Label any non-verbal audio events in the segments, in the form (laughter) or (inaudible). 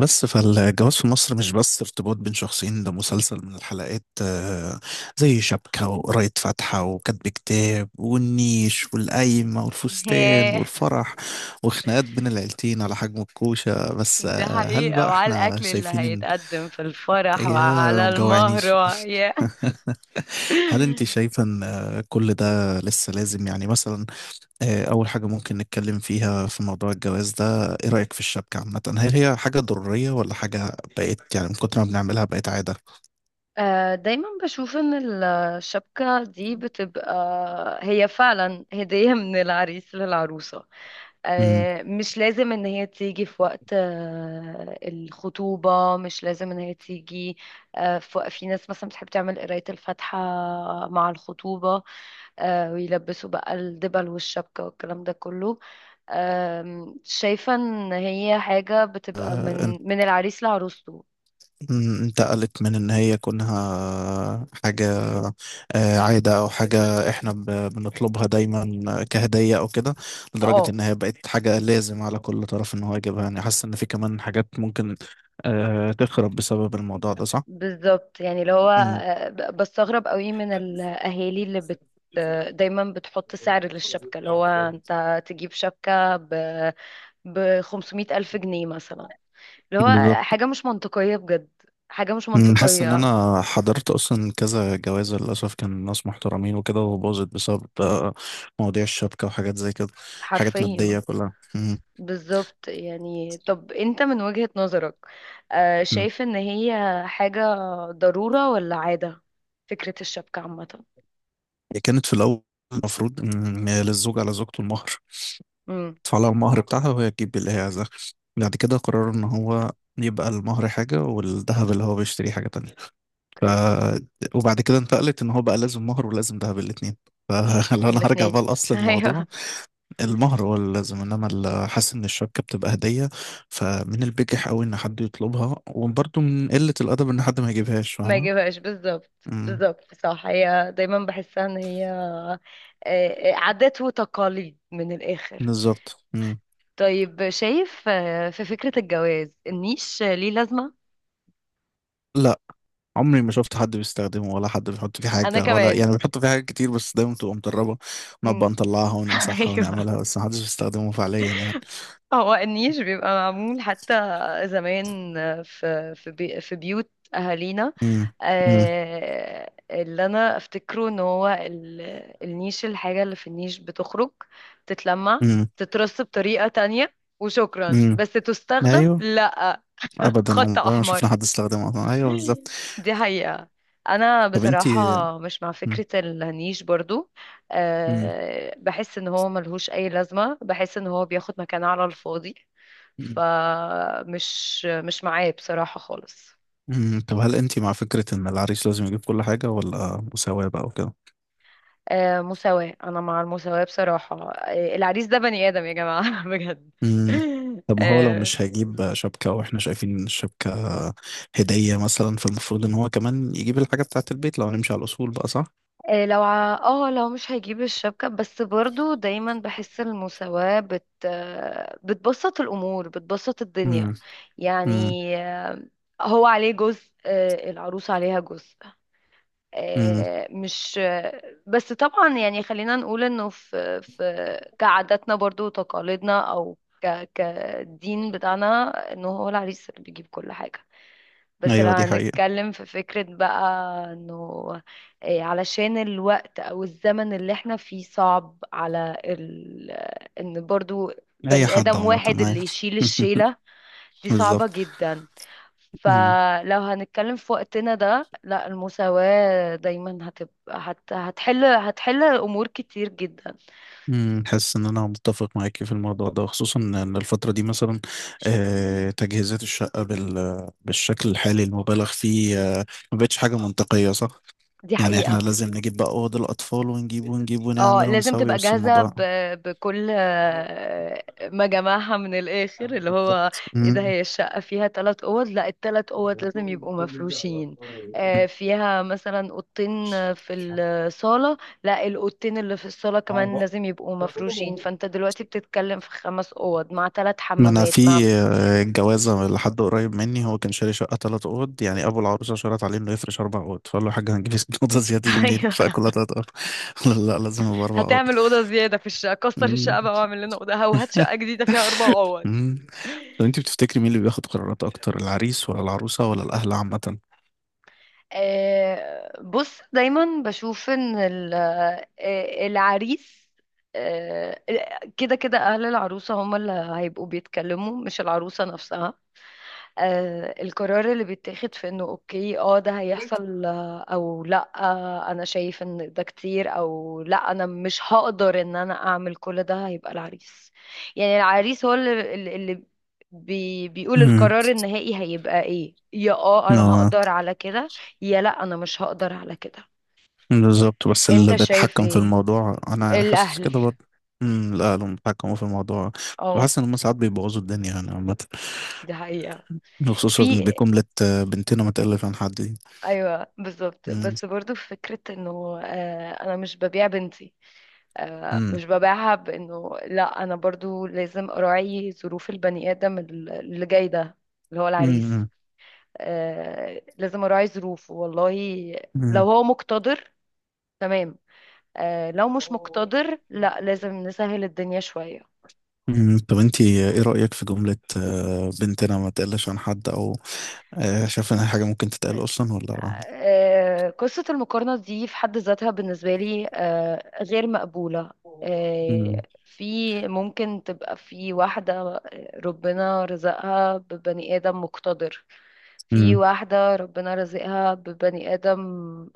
بس فالجواز في مصر مش بس ارتباط بين شخصين، ده مسلسل من الحلقات. زي شبكة وقراية فاتحة وكتب كتاب والنيش والقايمة (laughs) والفستان ياه. والفرح وخناقات بين العيلتين على حجم الكوشة. بس دي هل حقيقة، بقى وعلى احنا الأكل اللي شايفين ان، هيتقدم في الفرح يا وعلى المهر جوعنيش! ياه. (laughs) هل انت (laughs) شايفة ان كل ده لسه لازم؟ يعني مثلا أول حاجة ممكن نتكلم فيها في موضوع الجواز ده: إيه رأيك في الشبكة عامة؟ هل هي حاجة ضرورية ولا حاجة بقت يعني من كتر ما بنعملها بقت عادة؟ دايما بشوف ان الشبكة دي بتبقى هي فعلا هدية (laughs) من العريس للعروسة. مم. مش لازم ان هي تيجي في وقت الخطوبة، مش لازم ان هي تيجي في في ناس مثلا بتحب تعمل قراية الفاتحة مع الخطوبة، ويلبسوا بقى الدبل والشبكة والكلام ده كله. شايفة ان هي حاجة بتبقى إن- من العريس لعروسته. انتقلت من إن هي كونها حاجة عادة أو حاجة إحنا بنطلبها دايما كهدية أو كده، لدرجة اه إن هي بقت حاجة لازم على كل طرف إن هو يجيبها. يعني حاسس إن في كمان حاجات ممكن تخرب بسبب الموضوع ده، صح؟ بالظبط، يعني اللي هو بستغرب قوي من مم. الاهالي اللي بت دايما بتحط سعر للشبكة، اللي هو انت تجيب شبكة ب 500 ألف جنيه مثلا، اللي هو بالظبط. حاجة مش منطقية بجد. حاجة مش حاسس ان منطقية. انا حضرت اصلا كذا جوازة للاسف كان ناس محترمين وكده، وباظت بسبب مواضيع الشبكة وحاجات زي كده. حاجات حرفيا. مادية كلها. بالظبط. يعني طب انت من وجهة نظرك أمم. شايف ان هي حاجة ضرورة ولا عادة، فكرة الشبكة عامة؟ هي كانت في الاول، المفروض ان للزوج على زوجته المهر، امم. تدفع لها المهر بتاعها وهي تجيب اللي هي عايزاه. بعد كده قرروا ان هو يبقى المهر حاجة، والذهب اللي هو بيشتريه حاجة تانية. ف... اوكي. وبعد كده انتقلت ان هو بقى لازم مهر ولازم ذهب، الاتنين. فلو (laughs) انا هرجع الاتنين بقى لاصل (laughs) الموضوع، ايوه. المهر هو اللي لازم، انما حاسس ان الشبكه بتبقى هديه. فمن البجح قوي ان حد يطلبها، وبرضه من قله الادب ان حد ما يجيبهاش، ما فاهمه. يجيبهاش بالظبط. امم. بالظبط صح، هي دايما بحسها ان هي عادات وتقاليد من الاخر. بالظبط. امم. طيب شايف في فكرة الجواز، النيش ليه لازمة؟ لا، عمري ما شفت حد بيستخدمه، ولا حد بيحط فيه انا حاجه، ولا كمان. يعني بيحط فيه حاجات كتير. بس دايما بتبقى متربه، امم. ونبقى نطلعها (laughs) ونمسحها ايوه. ونعملها، بس محدش بيستخدمه فعليا يعني. اه هو النيش بيبقى معمول حتى زمان في في بيوت اهالينا. امم. امم. اللي انا افتكره ان هو النيش، الحاجة اللي في النيش بتخرج، تتلمع، امم. تترص بطريقة تانية، وشكرا امم. بس تستخدم ايوه. لا. (laughs) ابدا، خط عمري ما شفنا احمر. حد استخدمه اصلا. ايوه، بالظبط. دي حقيقة. أنا طب بصراحة انتي. مش مع مم. فكرة النيش برضو. أه بحس إن هو ملهوش أي لازمة، بحس إن هو بياخد مكان على الفاضي. مم. فمش مش معاه بصراحة خالص. مم. طب هل انت مع فكرة ان العريس لازم يجيب كل حاجة، ولا مساواة بقى وكده؟ أه مساواة، أنا مع المساواة بصراحة. أه العريس ده بني آدم يا جماعة (laughs) بجد. مم. طب ما هو لو أه مش هيجيب شبكة واحنا شايفين ان الشبكة هدية مثلا، فالمفروض ان هو كمان يجيب الحاجة بتاعة البيت لو هنمشي على الاصول بقى، صح؟ لو اه لو مش هيجيب الشبكة، بس برضو دايما بحس المساواة بت بتبسط الأمور بتبسط الدنيا. مم. مم. يعني هو عليه جزء، العروس عليها جزء. مم. مش بس طبعا يعني خلينا نقول انه في كعاداتنا برضو وتقاليدنا، او كدين بتاعنا، انه هو العريس اللي بيجيب كل حاجة. بس لو ايوه، دي حقيقة. هنتكلم في فكرة بقى انه إيه، علشان الوقت او الزمن اللي احنا فيه صعب على ال... ان برضو اي بني حد ادم عامة، واحد اللي ايوه. يشيل (laughs) الشيلة، دي صعبة بالظبط. جدا. مم. فلو هنتكلم في وقتنا ده، لا المساواة دايما هتبقى هت... هتحل امور كتير جدا. مم. حاسس ان انا متفق معاكي في الموضوع ده، خصوصا ان الفترة دي مثلا تجهيزات الشقة بالشكل الحالي المبالغ فيه ما بقتش حاجة منطقية، صح؟ دي يعني احنا حقيقة. لازم نجيب بقى اوض الاطفال، ونجيب ونجيب اه ونعمل لازم ونسوي، تبقى بس جاهزة الموضوع. ب... بكل ما جمعها من الآخر، اللي هو بالظبط. ايه، ده مم. هي الشقة فيها تلات أوض، لا التلات أوض لازم يبقوا مفروشين. فيها مثلا أوضتين في الصالة، لا الأوضتين اللي في الصالة كمان لازم يبقوا مفروشين. فأنت دلوقتي بتتكلم في خمس أوض مع تلات ما انا حمامات مع في الجوازه لحد قريب مني، هو كان شاري شقه ثلاث اوض، يعني ابو العروسه شرط عليه انه يفرش اربع اوض، فقال له: يا حاج، هنجيب (laughs) اوضه زياده دي (laughs) منين، أيوه. فكلها ثلاث اوض. (laughs) لا لا، لازم يبقى اربع اوض. هتعمل أوضة زيادة في الشقة، كسر مم. الشقة بقى واعمل لنا أوضة وهات شقة (laughs) جديدة فيها أربع أوض. مم. طب انت بتفتكري مين اللي بياخد قرارات اكتر، العريس ولا العروسه ولا الاهل عامه؟ بص دايما بشوف ان العريس آه، كده كده اهل العروسه هم اللي هيبقوا بيتكلموا مش العروسه نفسها. القرار اللي بيتاخد في انه اوكي اه ده هيحصل او لا، انا شايف ان ده كتير او لا انا مش هقدر ان انا اعمل كل ده، هيبقى العريس. يعني العريس هو اللي بيقول امم. القرار النهائي هيبقى ايه، يا اه انا اه. هقدر على كده يا لا انا مش هقدر على كده. بالظبط، بس اللي انت شايف بيتحكم في ايه؟ الموضوع انا يعني حاسس الاهل. كده برضه. امم. لا، اللي بيتحكموا في الموضوع، اه بحس ان هم ساعات بيبوظوا الدنيا يعني عامة، دي حقيقة. في. خصوصا بجملة "بنتنا ما تقلش عن حد" دي. ايوه بالظبط. امم. بس برضو فكرة انه انا مش ببيع بنتي. امم. مش ببيعها، بانه لا انا برضو لازم اراعي ظروف البني ادم اللي جاي ده، اللي هو العريس. امم. لازم اراعي ظروفه والله. لو امم. هو مقتدر، تمام. لو مش مقتدر، لا لازم نسهل الدنيا شوية. طب انتي، ايه رأيك في جملة "بنتنا ما تقلش عن حد"، او شايفة انها حاجة ممكن تتقال اصلا ولا؟ قصة المقارنة دي في حد ذاتها بالنسبة لي غير مقبولة. آه، امم. في ممكن تبقى في واحدة ربنا رزقها ببني آدم مقتدر، في امم. واحدة ربنا رزقها ببني آدم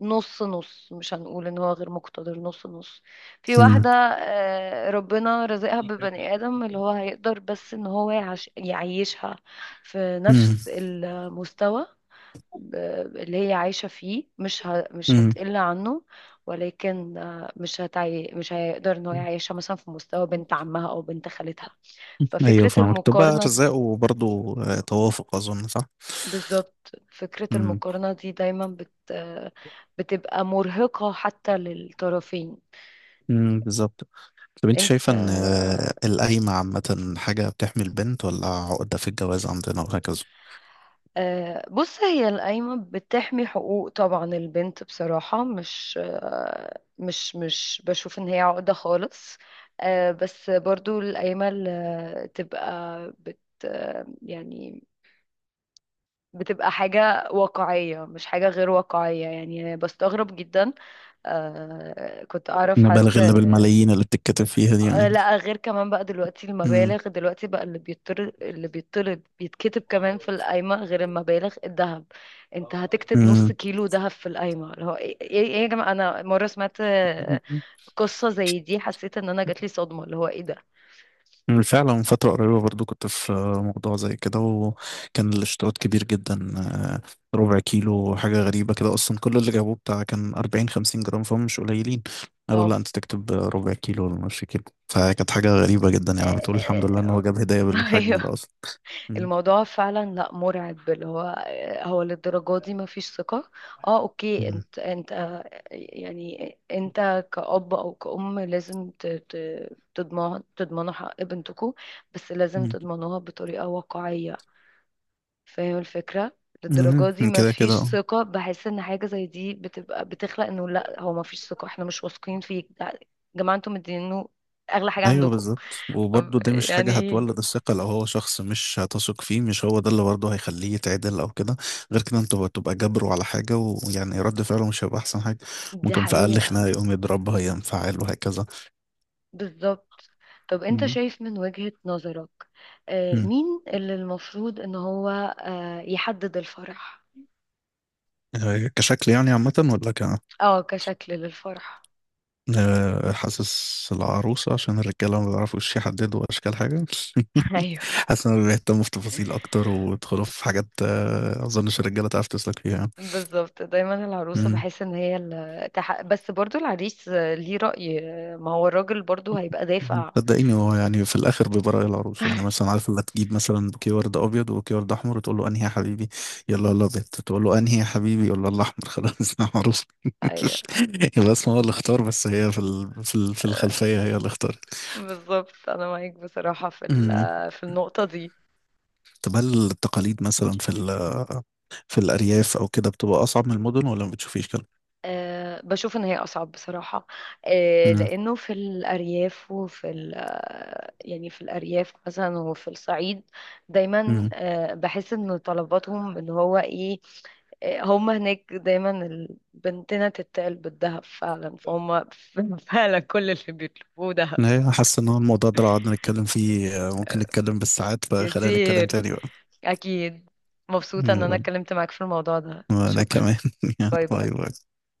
نص نص، مش هنقول ان هو غير مقتدر، نص نص. في امم. واحدة ربنا رزقها ببني آدم اللي هو هيقدر بس ان هو يعش يعيشها في امم. نفس المستوى اللي هي عايشة فيه، مش ه... مش امم. هتقل عنه. ولكن مش هتعي... مش هيقدر ان هو يعيشها مثلا في مستوى بنت عمها او بنت خالتها. ايوه ففكرة فاهمك، تبقى المقارنة ارزاق، وبرضه توافق اظن، صح؟ بالظبط، فكرة امم. المقارنة دي دايما بت بتبقى مرهقة حتى للطرفين. امم. بالظبط. طب انت انت شايفه ان القايمه عامه حاجه بتحمي البنت، ولا عقده في الجواز عندنا، وهكذا بص هي القايمة بتحمي حقوق طبعا البنت، بصراحة مش مش بشوف ان هي عقدة خالص. بس برضو القايمة اللي تبقى بت يعني بتبقى حاجة واقعية مش حاجة غير واقعية. يعني بستغرب جدا كنت أعرف حد نبالغ اللي بالملايين اللي بتتكتب فيها دي يعني. لا غير كمان بقى دلوقتي امم. المبالغ، دلوقتي بقى اللي بيطرد اللي بيطرد بيتكتب كمان في القايمة غير المبالغ، الذهب. انت هتكتب نص امم. كيلو ذهب في القايمة، اللي هو ايه ايه إيه يا جماعة؟ انا مرة سمعت قصة زي دي، حسيت ان انا جاتلي صدمة، اللي هو ايه ده. أمم. فعلا من فترة قريبة برضو كنت في موضوع زي كده، وكان الاشتراط كبير جدا. ربع كيلو! حاجة غريبة كده أصلا. كل اللي جابوه بتاع كان أربعين خمسين جرام، فهم مش قليلين. قالوا: لا، اه. أنت تكتب ربع كيلو ولا نص كيلو. فكانت حاجة غريبة جدا، (laughs) يعني بتقول الحمد لله إن هو آه، جاب هدايا آه، بالحجم آه. ده أصلا. مم. الموضوع فعلا لا، مرعب، اللي هو هو للدرجة دي ما فيش ثقة. اه اوكي مم. انت انت يعني انت كأب او كأم لازم تضمن، تضمنوا حق بنتكم، بس لازم مم. تضمنوها بطريقة واقعية. فاهم الفكرة. للدرجة مم. دي ما كده كده، فيش أه. ثقة، بحس ان حاجة زي دي بتبقى بتخلق انه لا هو ما فيش ثقة احنا مش واثقين فيك. يا جماعة انتم مدينينه اغلى حاجة أيوه عندكم. بالظبط، طب وبرضه دي مش يعني حاجة ايه؟ هتولد الثقة. لو هو شخص مش هتثق فيه، مش هو ده اللي برضه هيخليه يتعدل أو كده؟ غير كده أنت بتبقى جابره على حاجة، ويعني رد فعله مش هيبقى أحسن حاجة. دي ممكن في أقل خناقة حقيقة. يقوم يضربها، ينفعل، وهكذا. بالظبط. طب انت شايف من وجهة نظرك مم. مين اللي المفروض ان هو يحدد الفرح؟ كشكل يعني عامة، ولا ك اه كشكل للفرح. آه، حاسس العروسة، عشان الرجالة ما بيعرفوش يحددوا أشكال حاجة. (laughs) ايوه (laughs) حاسس إنهم بيهتموا في تفاصيل أكتر، ويدخلوا في حاجات أظنش الرجالة تعرف تسلك فيها يعني. بالظبط، دايما العروسة مم. بحس ان هي اللي تح... بس برضو العريس ليه رأي. ما هو الراجل برضو هيبقى دافع. صدقيني، هو يعني في الآخر بيبقى رأي العروسة. يعني مثلا عارف، اللي تجيب مثلا بوكيه ورد أبيض وبوكيه ورد أحمر، وتقول له: أنهي يا حبيبي؟ يلا الأبيض. تقول له: أنهي يا حبيبي؟ يلا الأحمر. خلاص (laughs) أنا عروسة. ايوه يبقى اسمه هو اللي اختار، بس هي في الخلفية هي اللي اختارت. بالظبط، انا معاك بصراحة في في النقطة دي. طب هل التقاليد مثلا في الأرياف أو كده بتبقى أصعب من المدن، ولا ما بتشوفيش كده؟ أه بشوف ان هي اصعب بصراحه. أه امم. لانه في الارياف وفي يعني في الارياف مثلا وفي الصعيد دايما امم. أه بحس ان طلباتهم ان هو ايه. أه هم هناك دايما بنتنا تتقل بالذهب فعلا فهم (laughs) فعلا كل اللي بيطلبوه دهب. أنا حاسس إن هو الموضوع ده، لو قعدنا نتكلم فيه ممكن نتكلم بالساعات، فخلينا نتكلم كتير. تاني بقى. اكيد. مبسوطه ان انا يلا. اتكلمت معاك في الموضوع ده، وأنا شكرا. كمان (laughs) يلا، باي باي. باي باي.